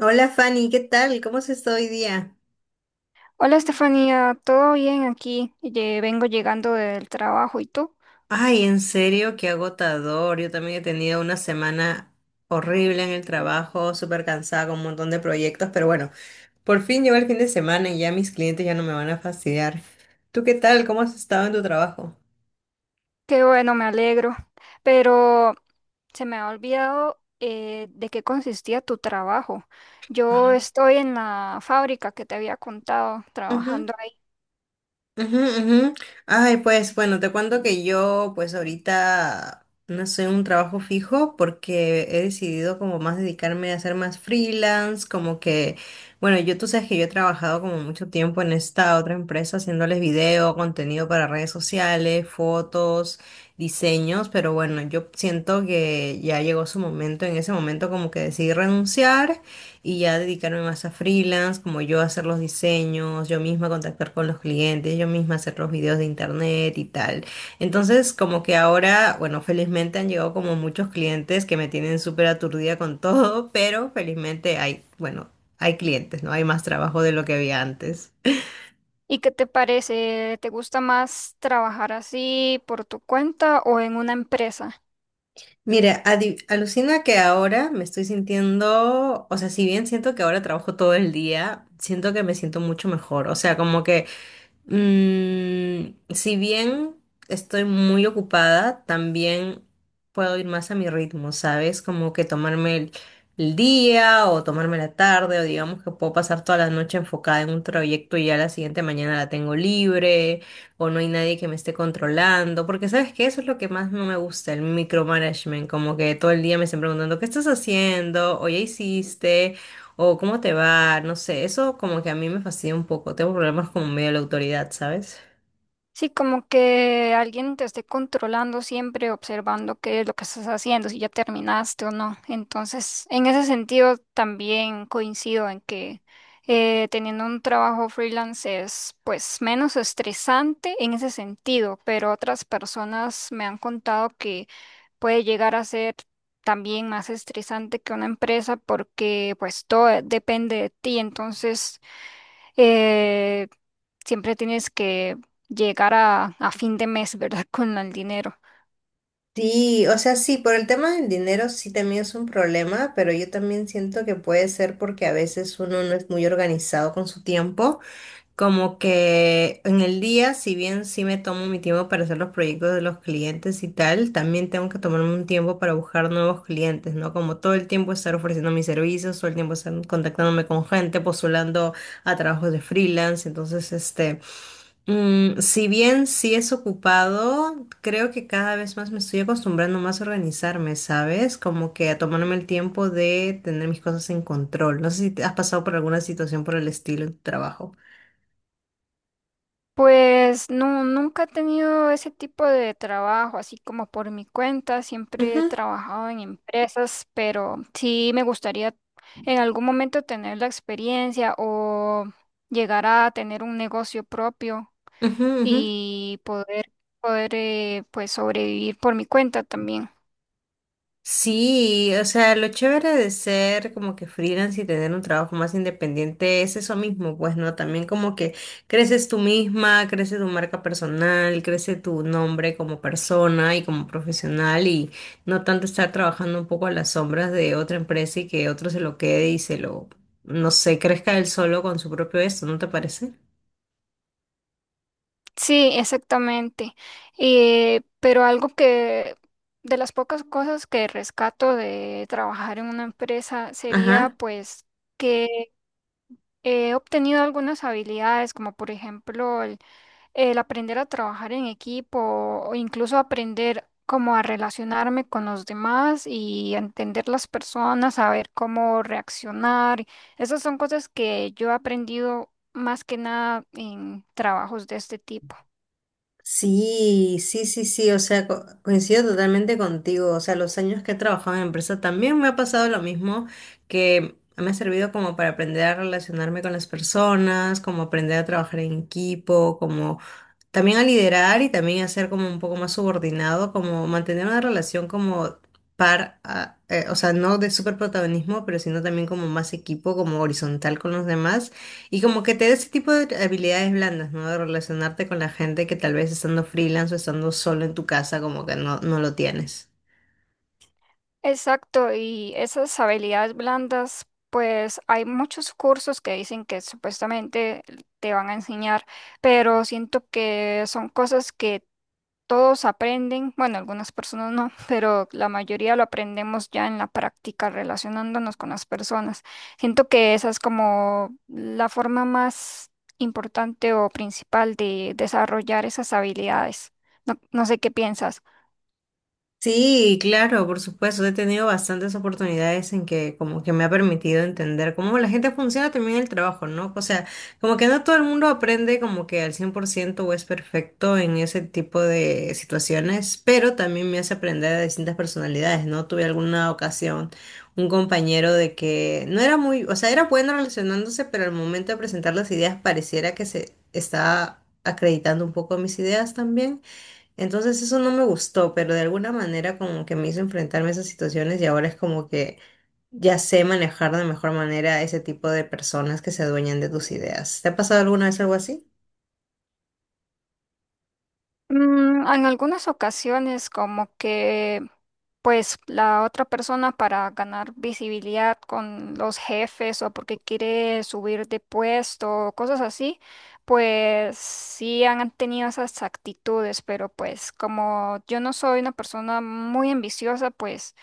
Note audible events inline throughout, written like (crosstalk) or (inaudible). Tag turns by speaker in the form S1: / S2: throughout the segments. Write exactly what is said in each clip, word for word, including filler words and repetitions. S1: Hola Fanny, ¿qué tal? ¿Cómo se está hoy día?
S2: Hola Estefanía, ¿todo bien aquí? Ye- vengo llegando del trabajo, ¿y tú?
S1: Ay, en serio, qué agotador. Yo también he tenido una semana horrible en el trabajo, súper cansada con un montón de proyectos, pero bueno, por fin llegó el fin de semana y ya mis clientes ya no me van a fastidiar. ¿Tú qué tal? ¿Cómo has estado en tu trabajo?
S2: Qué bueno, me alegro. Pero se me ha olvidado eh, de qué consistía tu trabajo. Yo estoy en la fábrica que te había contado, trabajando ahí.
S1: Ujú, ujú. Ay, pues bueno, te cuento que yo pues ahorita no sé, un trabajo fijo porque he decidido como más dedicarme a hacer más freelance, como que, bueno, yo tú sabes que yo he trabajado como mucho tiempo en esta otra empresa haciéndoles video, contenido para redes sociales, fotos, diseños, pero bueno, yo siento que ya llegó su momento, en ese momento como que decidí renunciar y ya dedicarme más a freelance, como yo hacer los diseños, yo misma contactar con los clientes, yo misma hacer los videos de internet y tal. Entonces, como que ahora, bueno, felizmente han llegado como muchos clientes que me tienen súper aturdida con todo, (laughs) pero felizmente hay, bueno, hay clientes, ¿no? Hay más trabajo de lo que había antes.
S2: ¿Y qué te parece? ¿Te gusta más trabajar así por tu cuenta o en una empresa?
S1: Mira, adi- alucina que ahora me estoy sintiendo, o sea, si bien siento que ahora trabajo todo el día, siento que me siento mucho mejor, o sea, como que Mm, si bien estoy muy ocupada, también puedo ir más a mi ritmo, ¿sabes? Como que tomarme el, el día o tomarme la tarde o digamos que puedo pasar toda la noche enfocada en un proyecto y ya la siguiente mañana la tengo libre o no hay nadie que me esté controlando, porque ¿sabes qué? Eso es lo que más no me gusta, el micromanagement, como que todo el día me estén preguntando, ¿qué estás haciendo? ¿O ya hiciste? O cómo te va, no sé, eso como que a mí me fastidia un poco, tengo problemas con medio de la autoridad, ¿sabes?
S2: Sí, como que alguien te esté controlando siempre, observando qué es lo que estás haciendo, si ya terminaste o no. Entonces, en ese sentido, también coincido en que eh, teniendo un trabajo freelance es pues menos estresante en ese sentido, pero otras personas me han contado que puede llegar a ser también más estresante que una empresa porque pues todo depende de ti. Entonces eh, siempre tienes que llegar a, a fin de mes, ¿verdad? (laughs) Con el dinero.
S1: Sí, o sea, sí, por el tema del dinero sí también es un problema, pero yo también siento que puede ser porque a veces uno no es muy organizado con su tiempo. Como que en el día, si bien sí me tomo mi tiempo para hacer los proyectos de los clientes y tal, también tengo que tomarme un tiempo para buscar nuevos clientes, ¿no? Como todo el tiempo estar ofreciendo mis servicios, todo el tiempo estar contactándome con gente, postulando a trabajos de freelance. Entonces, este, mm, si bien sí es ocupado, creo que cada vez más me estoy acostumbrando más a organizarme, ¿sabes? Como que a tomarme el tiempo de tener mis cosas en control. No sé si te has pasado por alguna situación por el estilo en tu trabajo.
S2: Pues no, nunca he tenido ese tipo de trabajo, así como por mi cuenta, siempre he trabajado en empresas, pero sí me gustaría en algún momento tener la experiencia o llegar a tener un negocio propio
S1: Ujú, ujú.
S2: y poder, poder eh, pues sobrevivir por mi cuenta también.
S1: Sí, o sea, lo chévere de ser como que freelance y tener un trabajo más independiente es eso mismo, pues, ¿no? También como que creces tú misma, crece tu marca personal, crece tu nombre como persona y como profesional y no tanto estar trabajando un poco a las sombras de otra empresa y que otro se lo quede y se lo, no sé, crezca él solo con su propio esto, ¿no te parece?
S2: Sí, exactamente. Eh, pero algo que de las pocas cosas que rescato de trabajar en una empresa sería
S1: Ajá.
S2: pues que he obtenido algunas habilidades, como por ejemplo el, el aprender a trabajar en equipo o incluso aprender cómo a relacionarme con los demás y entender las personas, saber cómo reaccionar. Esas son cosas que yo he aprendido más que nada en trabajos de este tipo.
S1: Sí, sí, sí, sí, o sea, co- coincido totalmente contigo, o sea, los años que he trabajado en empresa también me ha pasado lo mismo, que me ha servido como para aprender a relacionarme con las personas, como aprender a trabajar en equipo, como también a liderar y también a ser como un poco más subordinado, como mantener una relación como par, a- eh, o sea, no de súper protagonismo, pero sino también como más equipo, como horizontal con los demás y como que te dé ese tipo de habilidades blandas, ¿no? De relacionarte con la gente que tal vez estando freelance o estando solo en tu casa, como que no, no lo tienes.
S2: Exacto, y esas habilidades blandas, pues hay muchos cursos que dicen que supuestamente te van a enseñar, pero siento que son cosas que todos aprenden, bueno, algunas personas no, (laughs) pero la mayoría lo aprendemos ya en la práctica, relacionándonos con las personas. Siento que esa es como la forma más importante o principal de desarrollar esas habilidades. No, no sé qué piensas.
S1: Sí, claro, por supuesto. He tenido bastantes oportunidades en que como que me ha permitido entender cómo la gente funciona también en el trabajo, ¿no? O sea, como que no todo el mundo aprende como que al cien por ciento o es perfecto en ese tipo de situaciones, pero también me hace aprender a distintas personalidades, ¿no? Tuve alguna ocasión un compañero de que no era muy, o sea, era bueno relacionándose, pero al momento de presentar las ideas pareciera que se estaba acreditando un poco mis ideas también. Entonces eso no me gustó, pero de alguna manera como que me hizo enfrentarme a esas situaciones y ahora es como que ya sé manejar de mejor manera a ese tipo de personas que se adueñan de tus ideas. ¿Te ha pasado alguna vez algo así?
S2: Mm, en algunas ocasiones como que pues la otra persona para ganar visibilidad con los jefes o porque quiere subir de puesto o cosas así, pues sí han tenido esas actitudes, pero pues como yo no soy una persona muy ambiciosa, pues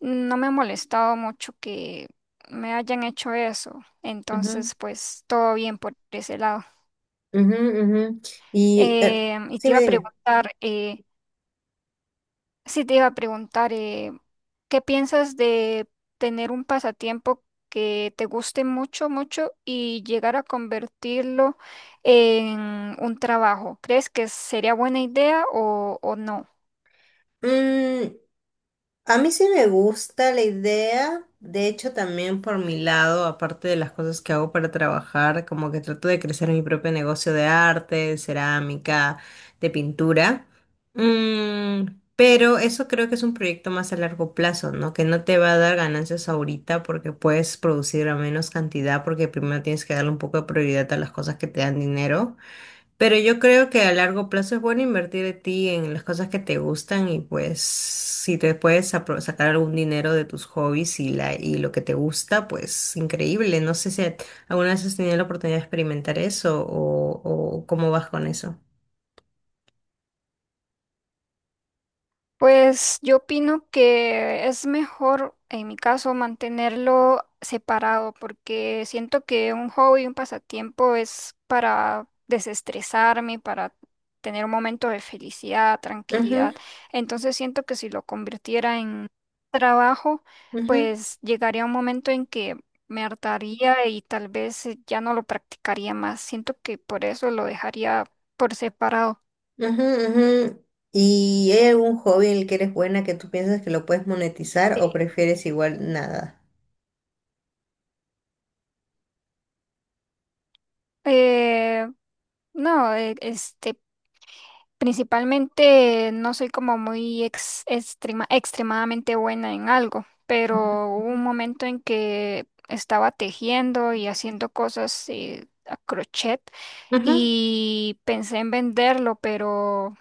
S2: no me ha molestado mucho que me hayan hecho eso.
S1: Ujú,
S2: Entonces pues todo bien por ese lado.
S1: ujú, ujú. Y eh,
S2: Em, y
S1: sí,
S2: te
S1: me
S2: iba a preguntar, eh, sí, te iba a preguntar, eh, ¿qué piensas de tener un pasatiempo que te guste mucho, mucho y llegar a convertirlo en un trabajo? ¿Crees que sería buena idea o, o no?
S1: dime. A mí sí me gusta la idea, de hecho también por mi lado, aparte de las cosas que hago para trabajar, como que trato de crecer mi propio negocio de arte, de cerámica, de pintura. Mm, pero eso creo que es un proyecto más a largo plazo, ¿no? Que no te va a dar ganancias ahorita porque puedes producir a menos cantidad porque primero tienes que darle un poco de prioridad a las cosas que te dan dinero. Pero yo creo que a largo plazo es bueno invertir de ti en las cosas que te gustan y pues si te puedes apro- sacar algún dinero de tus hobbies y, la, y lo que te gusta, pues increíble. No sé si a- alguna vez has tenido la oportunidad de experimentar eso o, o cómo vas con eso.
S2: Pues yo opino que es mejor, en mi caso, mantenerlo separado, porque siento que un hobby, un pasatiempo es para desestresarme, para tener un momento de felicidad,
S1: Ujú,
S2: tranquilidad. Entonces siento que si lo convirtiera en trabajo,
S1: ujú,
S2: pues llegaría un momento en que me hartaría y tal vez eh, ya no lo practicaría más. Siento que por eso lo dejaría por separado.
S1: ujú, ujú. ¿Y hay algún hobby en el que eres buena que tú piensas que lo puedes monetizar o prefieres igual nada?
S2: Eh, No, e- este, principalmente no soy como muy ex- extrema- extremadamente buena en algo, pero hubo un momento en que estaba tejiendo y haciendo cosas eh, a crochet y pensé en venderlo, pero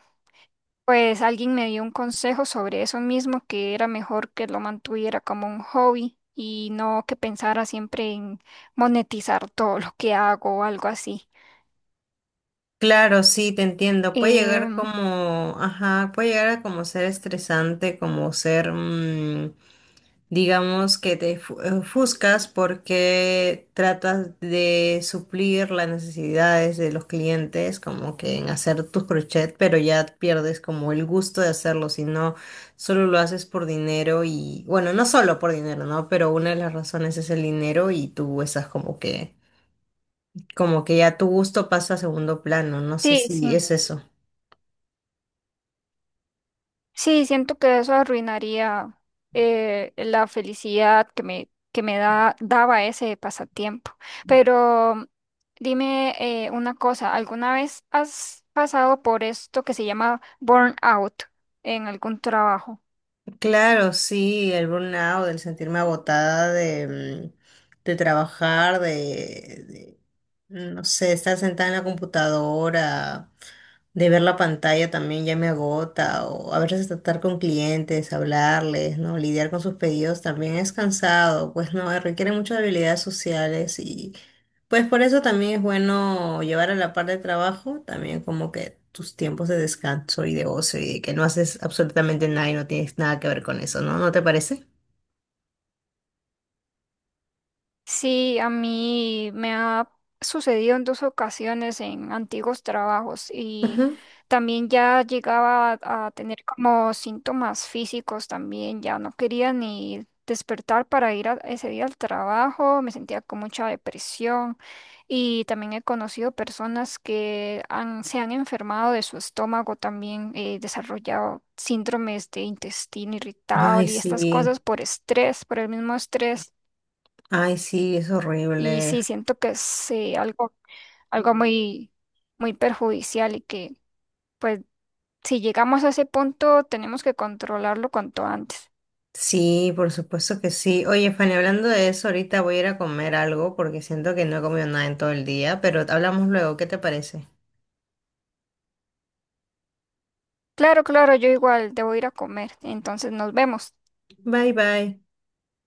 S2: pues alguien me dio un consejo sobre eso mismo, que era mejor que lo mantuviera como un hobby y no que pensara siempre en monetizar todo lo que hago o algo así.
S1: Claro, sí, te entiendo. Puede llegar
S2: Em,
S1: como, ajá, puede llegar a como ser estresante, como ser, mm, digamos, que te fu- eh, ofuscas porque tratas de suplir las necesidades de los clientes, como que en hacer tus crochet, pero ya pierdes como el gusto de hacerlo, si no, solo lo haces por dinero y, bueno, no solo por dinero, ¿no? Pero una de las razones es el dinero y tú estás como que como que ya tu gusto pasa a segundo plano, no sé
S2: sí, sí.
S1: si es eso.
S2: Sí, siento que eso arruinaría eh, la felicidad que me, que me da, daba ese pasatiempo. Pero dime eh, una cosa, ¿alguna vez has pasado por esto que se llama burnout en algún trabajo?
S1: Claro, sí, el burnout, el sentirme agotada de, mm, de trabajar, de, de, no sé, estar sentada en la computadora, de ver la pantalla también ya me agota, o a veces tratar con clientes, hablarles, ¿no? Lidiar con sus pedidos también es cansado, pues no, requiere muchas habilidades sociales pues por eso también es bueno llevar a la par de trabajo, también como que tus tiempos de descanso y de ocio y de que no haces absolutamente nada y no tienes nada que ver con eso, ¿no? ¿No te parece?
S2: Sí, a mí me ha sucedido en dos ocasiones en antiguos trabajos y
S1: Ujú.
S2: también ya llegaba a, a tener como síntomas físicos también, ya no quería ni despertar para ir a- ese día al trabajo, me sentía con mucha depresión y también he conocido personas que han, se han enfermado de su estómago también, eh, desarrollado síndromes de intestino
S1: Ay,
S2: irritable y estas
S1: sí,
S2: cosas por estrés, por el mismo estrés.
S1: ay, sí, es
S2: Y
S1: horrible.
S2: sí, siento que es eh, algo, algo muy, muy perjudicial y que, pues, si llegamos a ese punto, tenemos que controlarlo cuanto antes.
S1: Sí, por supuesto que sí. Oye, Fanny, hablando de eso, ahorita voy a ir a comer algo porque siento que no he comido nada en todo el día, pero hablamos luego, ¿qué te parece?
S2: Claro, claro, yo igual debo ir a comer, entonces nos vemos.
S1: Bye, bye.